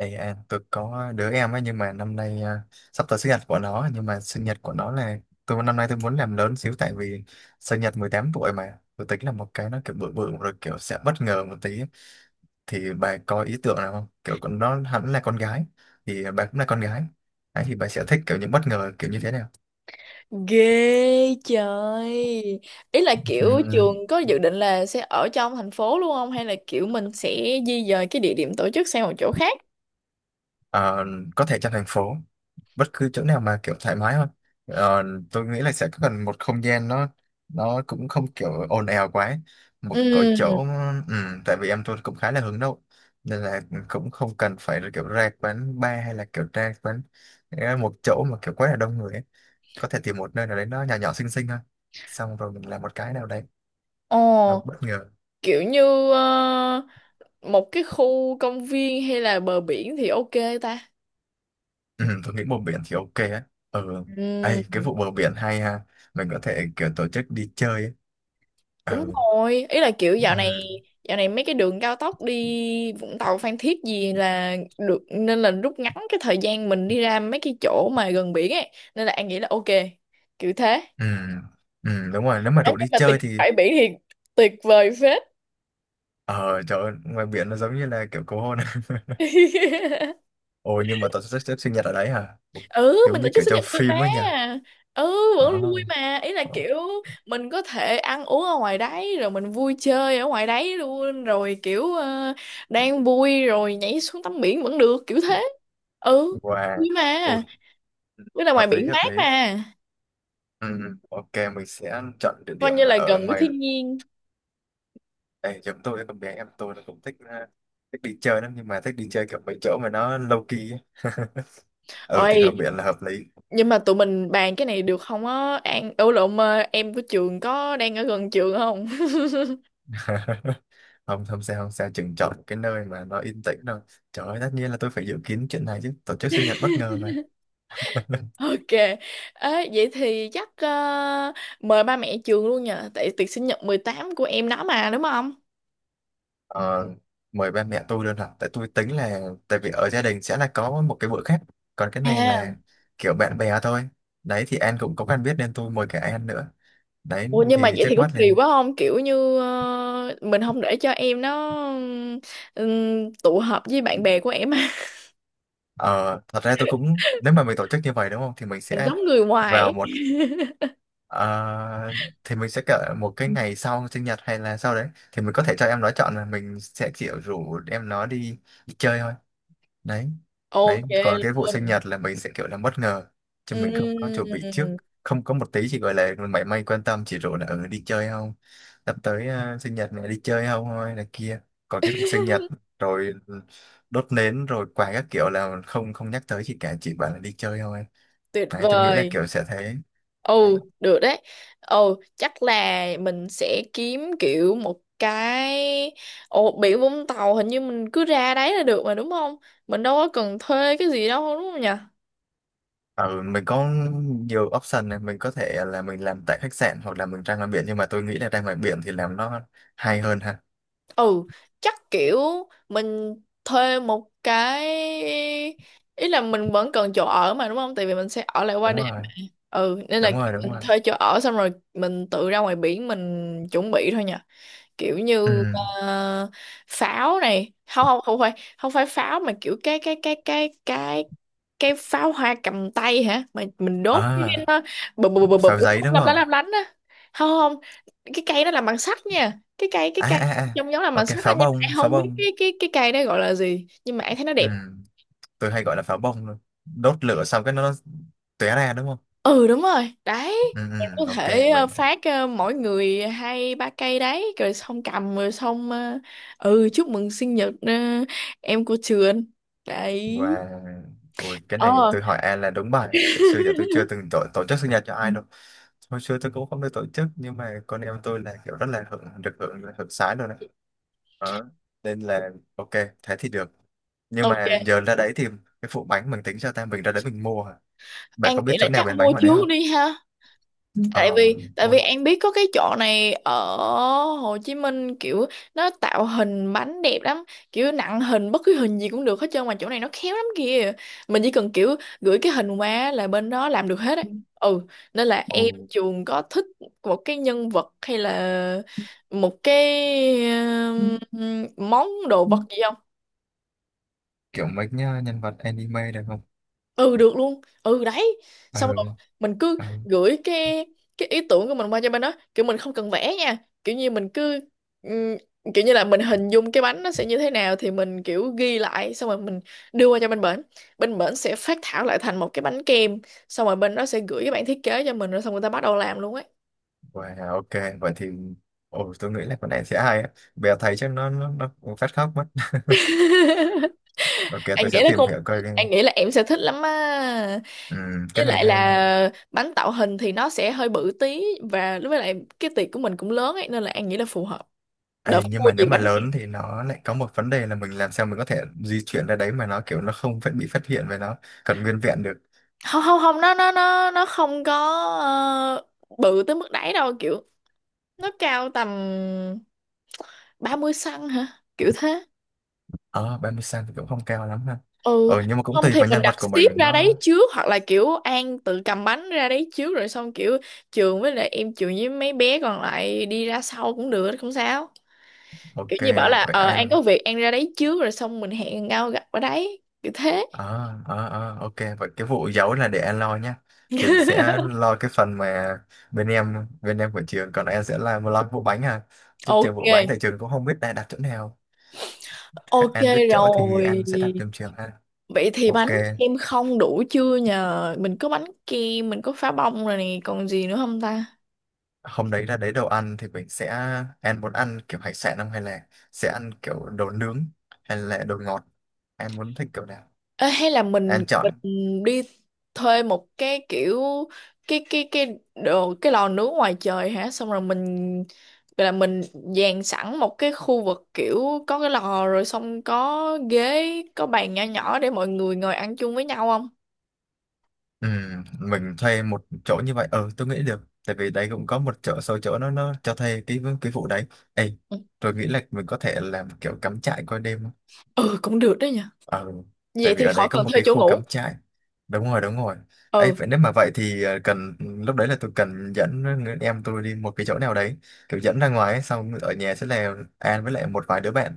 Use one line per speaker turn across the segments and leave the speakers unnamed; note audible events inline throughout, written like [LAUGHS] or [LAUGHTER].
Tôi có đứa em ấy, nhưng mà năm nay sắp tới sinh nhật của nó. Nhưng mà sinh nhật của nó là năm nay tôi muốn làm lớn xíu, tại vì sinh nhật 18 tuổi, mà tôi tính là một cái nó kiểu bự bự rồi, kiểu sẽ bất ngờ một tí. Thì bà có ý tưởng nào không? Kiểu con nó hẳn là con gái, thì bà cũng là con gái. Đấy, thì bà sẽ thích kiểu những bất ngờ kiểu như thế nào?
Ghê trời. Ý là kiểu
Ừ.
trường có dự định là sẽ ở trong thành phố luôn không? Hay là kiểu mình sẽ di dời cái địa điểm tổ chức sang một chỗ khác?
Ờ, có thể trong thành phố, bất cứ chỗ nào mà kiểu thoải mái hơn. Ờ, tôi nghĩ là sẽ cần một không gian nó cũng không kiểu ồn ào quá, một cái chỗ.
Ừ.
ừ, Tại vì em tôi cũng khá là hướng nội, nên là cũng không cần phải là kiểu ra quán bar, hay là kiểu ra quán, một chỗ mà kiểu quá là đông người ấy. Có thể tìm một nơi nào đấy nó nhỏ nhỏ xinh xinh thôi, xong rồi mình làm một cái nào đấy nó
Ồ,
bất ngờ.
kiểu như một cái khu công viên hay là bờ biển thì ok ta.
Ừ, tôi nghĩ bờ biển thì ok á. Ừ.
Ừ,
Ấy, cái vụ bờ biển hay ha, mình có thể kiểu tổ chức đi chơi ấy.
đúng
Ừ.
rồi. Ý là kiểu dạo này
Ừ.
dạo này mấy cái đường cao tốc đi Vũng Tàu Phan Thiết gì là được nên là rút ngắn cái thời gian mình đi ra mấy cái chỗ mà gần biển ấy nên là An nghĩ là ok kiểu thế.
ừ ừ, đúng rồi, nếu mà
Đấy,
rủ đi
nhưng mà tiệc
chơi thì…
bãi biển thì tuyệt vời phết.
Ờ trời ơi, ngoài biển nó giống như là kiểu cầu hôn. [LAUGHS]
[LAUGHS]
Ồ, nhưng mà tao sẽ xếp sinh nhật ở đấy hả?
Ừ,
Giống
mình tổ
như
chức
kiểu
sinh
trong
nhật được mà.
phim ấy nha.
Ừ,
Ờ.
vẫn vui mà, ý là
Ờ.
kiểu mình có thể ăn uống ở ngoài đấy rồi mình vui chơi ở ngoài đấy luôn rồi kiểu đang vui rồi nhảy xuống tắm biển vẫn được kiểu thế. Ừ,
Wow.
vui mà,
Ôi.
với là ngoài
Hợp lý,
biển
hợp
mát
lý.
mà.
Ừ. Ừ, ok, mình sẽ chọn địa
Coi
điểm
như
là
là
ở
gần với
ngoài
thiên nhiên.
đây. Chúng tôi, con bé em tôi nó cũng thích, thích đi chơi lắm, nhưng mà thích đi chơi kiểu mấy chỗ mà nó low key ấy. [LAUGHS] Ừ, thì hợp
Ôi,
biển là hợp lý.
nhưng mà tụi mình bàn cái này được không á An. Ừ, lộn, em của trường có đang ở gần trường không?
[LAUGHS] không không sao không sao chừng chọn một cái nơi mà nó yên tĩnh thôi. Trời ơi, tất nhiên là tôi phải dự kiến chuyện này chứ, tổ chức sinh nhật bất ngờ này. [LAUGHS]
Ok, ê, vậy thì chắc mời ba mẹ trường luôn nhờ, tại tiệc sinh nhật 18 của em nó mà đúng không?
Ờ, mời ba mẹ tôi luôn hả? Tại tôi tính là, tại vì ở gia đình sẽ là có một cái bữa khác, còn cái này
À,
là kiểu bạn bè thôi. Đấy, thì An cũng có quen biết nên tôi mời cả An nữa. Đấy,
ủa nhưng mà
thì
vậy
trước
thì có
mắt
kỳ
lên…
quá không? Kiểu như mình không để cho em nó tụ họp với bạn bè của em. [LAUGHS]
ờ, Thật ra tôi cũng, nếu mà mình tổ chức như vậy đúng không, thì mình
Mình
sẽ
giống người ngoài
vào
ấy.
một… Ờ, thì mình sẽ kể một cái ngày sau sinh nhật, hay là sau đấy, thì mình có thể cho em nó chọn, là mình sẽ kiểu rủ em nó đi chơi thôi. Đấy.
Ok
Đấy, còn cái vụ sinh
luôn.
nhật là mình sẽ kiểu là bất ngờ, chứ mình không có chuẩn bị trước.
Ừm,
Không có một tí, chỉ gọi là mảy may quan tâm, chỉ rủ là ừ, đi chơi không, sắp tới sinh nhật này đi chơi không thôi, là kia. Còn cái vụ sinh nhật rồi đốt nến rồi quà các kiểu là không, không nhắc tới gì cả, chỉ bảo là đi chơi thôi.
tuyệt
Đấy, tôi nghĩ là
vời.
kiểu sẽ thế.
Ừ, được đấy. Ừ, chắc là mình sẽ kiếm kiểu một cái. Ồ, biển Vũng Tàu hình như mình cứ ra đấy là được mà đúng không? Mình đâu có cần thuê cái gì đâu đúng không nhỉ?
Ừ, mình có nhiều option này. Mình có thể là mình làm tại khách sạn, hoặc là mình ra ngoài biển, nhưng mà tôi nghĩ là ra ngoài biển thì làm nó hay hơn ha.
Ừ, chắc kiểu mình thuê một cái, ý là mình vẫn cần chỗ ở mà đúng không? Tại vì mình sẽ ở lại qua
Đúng
đêm.
rồi.
Ừ, nên là
đúng rồi đúng
mình
rồi
thuê chỗ ở xong rồi mình tự ra ngoài biển mình chuẩn bị thôi nhỉ. Kiểu
Ừ.
như ờ, pháo này, không không không phải không phải pháo mà kiểu cái cái pháo hoa cầm tay hả mà mình đốt cái
À,
nó bụp bụp bụp bụp
pháo giấy đúng không?
lấp lánh á. Không, không, cái cây đó làm bằng sắt nha, cái cây cái
À
cây
à à,
trông giống làm bằng
ok,
sắt á,
pháo
nhưng mà
bông,
em
pháo
không biết
bông.
cái cây đó gọi là gì nhưng mà em thấy nó
Ừ,
đẹp.
tôi hay gọi là pháo bông luôn. Đốt lửa xong cái nó tóe ra đúng không?
Ừ đúng rồi đấy.
Ừ. Ừ,
Mình có
ok
thể
mình.
phát mỗi người hai ba cây đấy rồi xong cầm rồi xong ừ chúc mừng sinh nhật em của trường đấy.
Và, ôi cái này
Ờ.
tôi hỏi An là đúng bài này, tại xưa giờ tôi chưa từng
[LAUGHS]
tổ chức sinh nhật cho ai đâu. Hồi xưa tôi cũng không được tổ chức, nhưng mà con em tôi là kiểu rất là được hưởng hưởng sái luôn đấy. Đó. Nên là ok, thế thì được. Nhưng mà
Ok,
giờ ra đấy thì cái phụ bánh mình tính cho ta, mình ra đấy mình mua hả? Bạn
anh
có biết
nghĩ là
chỗ nào
chắc
bán bánh
mua
ngoài đấy không?
trước đi ha. tại
Ờ,
vì tại
mua.
vì An biết có cái chỗ này ở Hồ Chí Minh kiểu nó tạo hình bánh đẹp lắm, kiểu nặng hình bất cứ hình gì cũng được hết trơn mà chỗ này nó khéo lắm kìa. Mình chỉ cần kiểu gửi cái hình qua là bên đó làm được hết ấy. Ừ, nên là em
Mua
chuồng có thích một cái nhân vật hay là một cái món đồ vật gì.
kiểu mấy nhá, nhân vật anime được không?
Ừ, được luôn. Ừ đấy.
Ờ.
Xong rồi mình cứ
Ờ.
gửi cái ý tưởng của mình qua cho bên đó kiểu mình không cần vẽ nha. Kiểu như mình cứ ừm, kiểu như là mình hình dung cái bánh nó sẽ như thế nào thì mình kiểu ghi lại xong rồi mình đưa qua cho bên bển. Bên bển sẽ phác thảo lại thành một cái bánh kem, xong rồi bên đó sẽ gửi cái bản thiết kế cho mình rồi xong người ta bắt đầu làm luôn ấy.
Wow, ok vậy thì… Ồ, tôi nghĩ là con này sẽ hay á. Bèo thấy chắc nó cũng phát khóc mất.
[LAUGHS]
[LAUGHS] Ok,
anh
tôi sẽ
nghĩ là
tìm
con
hiểu coi đi.
anh nghĩ là em sẽ thích lắm á.
Ừ,
Với
cái này
lại
hay nè.
là bánh tạo hình thì nó sẽ hơi bự tí, và với lại cái tiệc của mình cũng lớn ấy nên là An nghĩ là phù hợp. Đợt
Ê, nhưng
mua
mà
gì
nếu mà
bánh kia.
lớn thì nó lại có một vấn đề là mình làm sao mình có thể di chuyển ra đấy mà nó kiểu nó không phải bị phát hiện, và nó còn nguyên vẹn được.
Không, không, không, nó không có ờ, bự tới mức đấy đâu kiểu. Nó cao tầm 30 xăng hả, kiểu thế.
Ờ, 30 cm thì cũng không cao lắm ha.
Ừ,
Ờ, nhưng mà cũng
không
tùy
thì
vào
mình
nhân
đặt
vật của mình
ship ra
nó…
đấy trước hoặc là kiểu An tự cầm bánh ra đấy trước rồi xong kiểu Trường với lại em Trường với mấy bé còn lại đi ra sau cũng được, không sao. Kiểu
Ok
như bảo là
vậy
An
An.
có việc, An ra đấy trước rồi xong mình hẹn nhau gặp ở đấy kiểu thế.
Ờ, ok, vậy cái vụ giấu là để An lo nhá. Trường sẽ lo cái phần mà bên em của Trường, còn An sẽ lo cái vụ bánh ha. Giúp Trường vụ bánh,
Ok,
tại Trường cũng không biết đã đặt chỗ nào.
ok,
An biết chỗ thì
rồi,
An sẽ đặt trường ha.
vậy thì
Ok,
bánh kem không đủ chưa nhờ, mình có bánh kem, mình có phá bông rồi nè, còn gì nữa không ta?
hôm đấy là, đấy, đồ ăn thì mình sẽ… Em muốn ăn kiểu hải sản không, hay là sẽ ăn kiểu đồ nướng, hay là đồ ngọt? Em muốn thích kiểu nào,
Ê, hay là mình
em chọn.
mình đi thuê một cái kiểu cái đồ, cái lò nướng ngoài trời hả, xong rồi mình gọi là mình dàn sẵn một cái khu vực kiểu có cái lò rồi xong có ghế, có bàn nhỏ nhỏ để mọi người ngồi ăn chung với nhau không?
Ừ, mình thuê một chỗ như vậy, ờ tôi nghĩ được. Tại vì đấy cũng có một số chỗ nó cho thuê cái vụ đấy. Ê,
Ừ.
tôi nghĩ là mình có thể làm kiểu cắm trại qua đêm.
Ừ, cũng được đó nha,
Ờ, tại
vậy
vì
thì
ở
khỏi
đây có
cần
một
thuê
cái
chỗ
khu
ngủ.
cắm trại. Đúng rồi, đúng rồi. Ấy,
Ừ,
vậy nếu mà vậy thì cần lúc đấy là tôi cần dẫn người em tôi đi một cái chỗ nào đấy, kiểu dẫn ra ngoài ấy, xong ở nhà sẽ là An với lại một vài đứa bạn,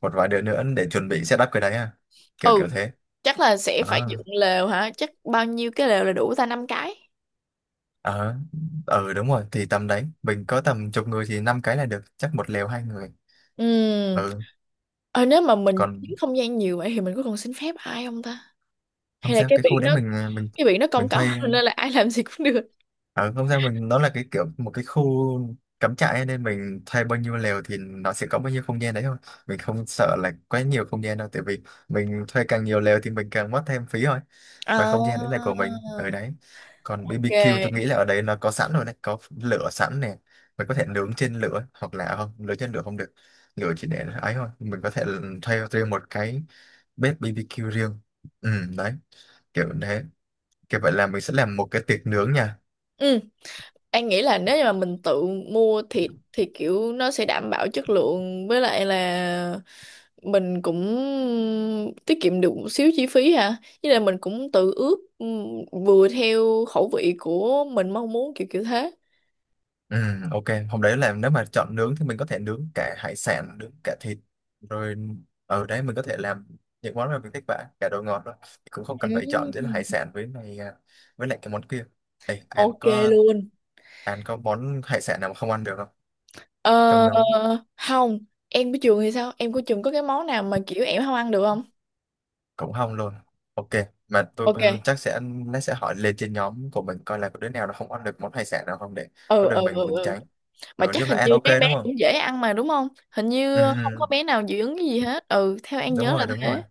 một vài đứa nữa để chuẩn bị setup cái đấy à. Kiểu
ừ,
kiểu thế.
chắc là sẽ phải
Ờ.
dựng lều hả, chắc bao nhiêu cái lều là đủ ta, năm cái?
ờ, ừ đúng rồi, thì tầm đấy, mình có tầm chục người thì 5 cái là được, chắc một lều 2 người.
Ừm,
Ừ,
ờ, nếu mà mình
còn
chiếm không gian nhiều vậy thì mình có cần xin phép ai không ta?
không
Hay là
sao, cái khu đấy mình mình
cái biển nó
mình
công cộng
thuê.
[LAUGHS] nên là ai làm gì cũng được.
À, không sao, mình, nó là cái kiểu một cái khu cắm trại ấy, nên mình thuê bao nhiêu lều thì nó sẽ có bao nhiêu không gian đấy thôi. Mình không sợ là quá nhiều không gian đâu, tại vì mình thuê càng nhiều lều thì mình càng mất thêm phí thôi.
À,
Và không gian đấy là của mình ở đấy. Còn BBQ tôi nghĩ
ok.
là ở đấy nó có sẵn rồi đấy, có lửa sẵn nè. Mình có thể nướng trên lửa, hoặc là không nướng trên lửa không được. Lửa chỉ để ấy thôi, mình có thể thuê riêng một cái bếp BBQ riêng. Ừ. Đấy, kiểu thế. Kiểu vậy là mình sẽ làm một cái tiệc nướng nha.
Ừ, anh nghĩ là nếu như mà mình tự mua thịt thì kiểu nó sẽ đảm bảo chất lượng với lại là mình cũng tiết kiệm được một xíu chi phí hả? Với lại mình cũng tự ướp vừa theo khẩu vị của mình mong muốn kiểu kiểu thế.
Ừ, ok. Hôm đấy là nếu mà chọn nướng thì mình có thể nướng cả hải sản, nướng cả thịt. Rồi, ở đấy mình có thể làm những món mà mình thích bạn, cả đồ ngọt rồi. Cũng không cần phải chọn giữa là
Ừ.
hải sản với này à, với lại cái món kia. Ê,
Ok luôn.
An có món hải sản nào mà không ăn được không? Trong
Ờ,
nhóm.
không, em của trường thì sao? Em của trường có cái món nào mà kiểu em không ăn được không?
Cũng không luôn. Ok, mà tôi
Ok.
cũng chắc sẽ, nó sẽ hỏi lên trên nhóm của mình coi là có đứa nào nó không ăn được món hải sản nào không, để có
Ừ, ừ,
đường
ừ,
mình
ừ.
tránh. Ừ,
Mà
nói
chắc
chung là
hình
An
như
ok
mấy bé
đúng không?
cũng dễ ăn mà đúng không? Hình
Ừ.
như không có
Ừ.
bé nào dị ứng cái gì hết. Ừ, theo em
đúng
nhớ là
rồi đúng rồi
thế.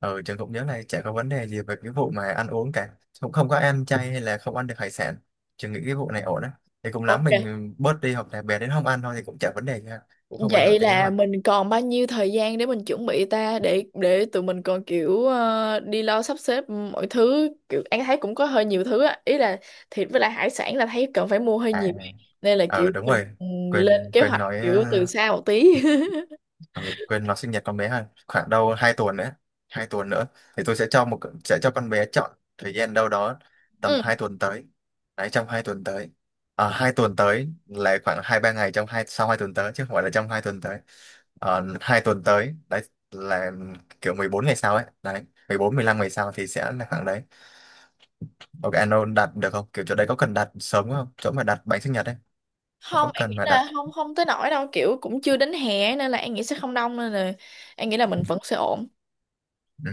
Ừ, Trường cũng nhớ này chả có vấn đề gì về cái vụ mà ăn uống cả, cũng không có ăn chay hay là không ăn được hải sản. Trường nghĩ cái vụ này ổn á. Thì cũng lắm
Ok.
mình bớt đi, hoặc là bé đến không ăn thôi thì cũng chả vấn đề gì ha, cũng không ảnh
Vậy
hưởng tới kế
là
hoạch.
mình còn bao nhiêu thời gian để mình chuẩn bị ta, để tụi mình còn kiểu đi lo sắp xếp mọi thứ, kiểu em thấy cũng có hơi nhiều thứ á, ý là thịt với lại hải sản là thấy cần phải mua hơi
À,
nhiều nên là kiểu
ờ, đúng
mình
rồi,
ừ, lên
quên
kế
quên
hoạch
nói
kiểu từ xa một tí. [LAUGHS]
ừ, quên, nó sinh nhật con bé ha, khoảng đâu 2 tuần nữa. 2 tuần nữa thì tôi sẽ cho một, sẽ cho con bé chọn thời gian đâu đó tầm
Ừ.
2 tuần tới. Đấy, trong 2 tuần tới. À, 2 tuần tới là khoảng 2 3 ngày trong hai sau 2 tuần tới, chứ không phải là trong 2 tuần tới. Ờ, 2 tuần tới đấy là kiểu 14 ngày sau ấy đấy, 14 15 ngày sau thì sẽ là khoảng đấy. Ok, anh Âu đặt được không? Kiểu chỗ đấy có cần đặt sớm không, chỗ mà đặt bánh sinh nhật ấy,
Không,
có
anh
cần
nghĩ
mà đặt?
là không không tới nỗi đâu, kiểu cũng chưa đến hè nên là anh nghĩ sẽ không đông nên là anh nghĩ là mình vẫn sẽ ổn.
Ừ,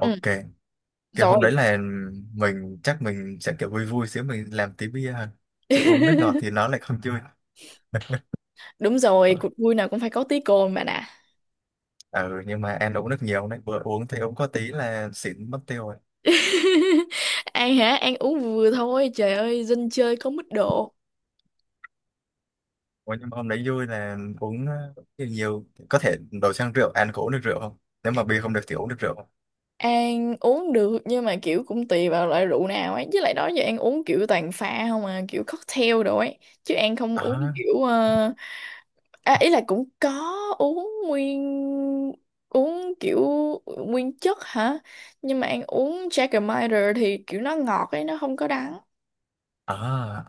Ừ,
ok. Kiểu
rồi.
hôm đấy là mình chắc mình sẽ kiểu vui vui xíu, mình làm tí bia hơn, chứ uống nước ngọt thì
[LAUGHS]
nó lại không vui.
Đúng rồi, cuộc
[LAUGHS]
vui nào cũng phải có tí cồn mà nè.
Ừ, nhưng mà ăn uống nước nhiều đấy, vừa uống thì uống có tí là xỉn mất tiêu rồi.
[LAUGHS] An hả? An uống vừa thôi, trời ơi, dân chơi có mức độ.
Ủa, nhưng mà hôm đấy vui là uống nhiều, nhiều, có thể đổi sang rượu. Ăn có uống được rượu không? Nếu mà bia không được thì uống được rượu không?
An uống được nhưng mà kiểu cũng tùy vào loại rượu nào ấy, với lại đó giờ An uống kiểu toàn pha không à, kiểu cocktail đồ ấy, chứ An không
à
uống kiểu à, ý là cũng có uống nguyên uống kiểu nguyên chất hả? Nhưng mà ăn uống Jägermeister thì kiểu nó ngọt ấy, nó không có đắng.
à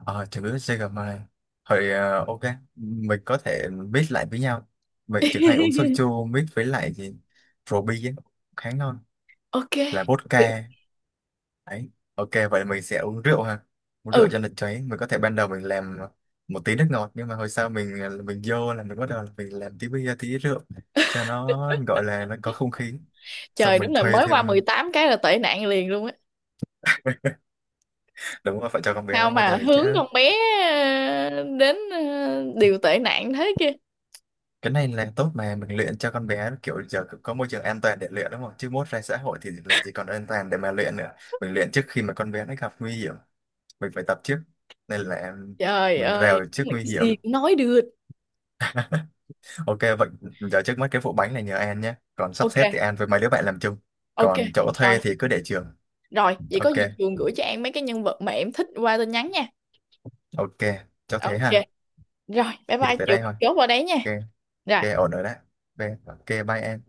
à chữ CGM. Hồi, ờ, ok, mình có thể mix lại với nhau. Mình chỉ hay uống soju mix với lại gì rượu bia ấy, khá ngon,
Ok.
là vodka. Đấy. Ok, vậy mình sẽ uống rượu ha. Uống rượu
Ừ,
cho nó cháy. Mình có thể ban đầu mình làm một tí nước ngọt, nhưng mà hồi sau mình, mình vô là mình bắt đầu là mình làm tí bia tí rượu cho nó gọi là nó có không khí. Xong
trời đúng
mình
là
thuê
mới
thêm…
qua mười
[LAUGHS]
tám cái là tệ nạn liền luôn á.
Đúng rồi, phải cho con bé nó
Sao
vô
mà
đời chứ.
hướng con bé đến điều tệ nạn thế kia.
Cái này là tốt mà, mình luyện cho con bé, kiểu giờ có môi trường an toàn để luyện đúng không? Chứ mốt ra xã hội thì làm gì còn an toàn để mà luyện nữa. Mình luyện trước khi mà con bé nó gặp nguy hiểm. Mình phải tập trước. Nên là
Trời
mình
ơi,
rèo trước
đúng là
nguy
cái
hiểm.
gì cũng nói được.
Ok, vậy giờ trước mắt cái vụ bánh này nhờ An nhé. Còn sắp
Ok,
xếp thì An với mấy đứa bạn làm chung.
ok.
Còn chỗ
Rồi,
thuê thì cứ để Trường.
rồi, vậy có
Ok,
gì Trường gửi cho An mấy cái nhân vật mà em thích qua tin nhắn nha.
ok, cho thế
Ok.
ha.
Rồi, bye
Thì
bye
tới
Trường,
đây thôi.
chốt vào đấy nha.
Ok.
Rồi,
Ok, ổn rồi đấy. Ok, ok, bye An.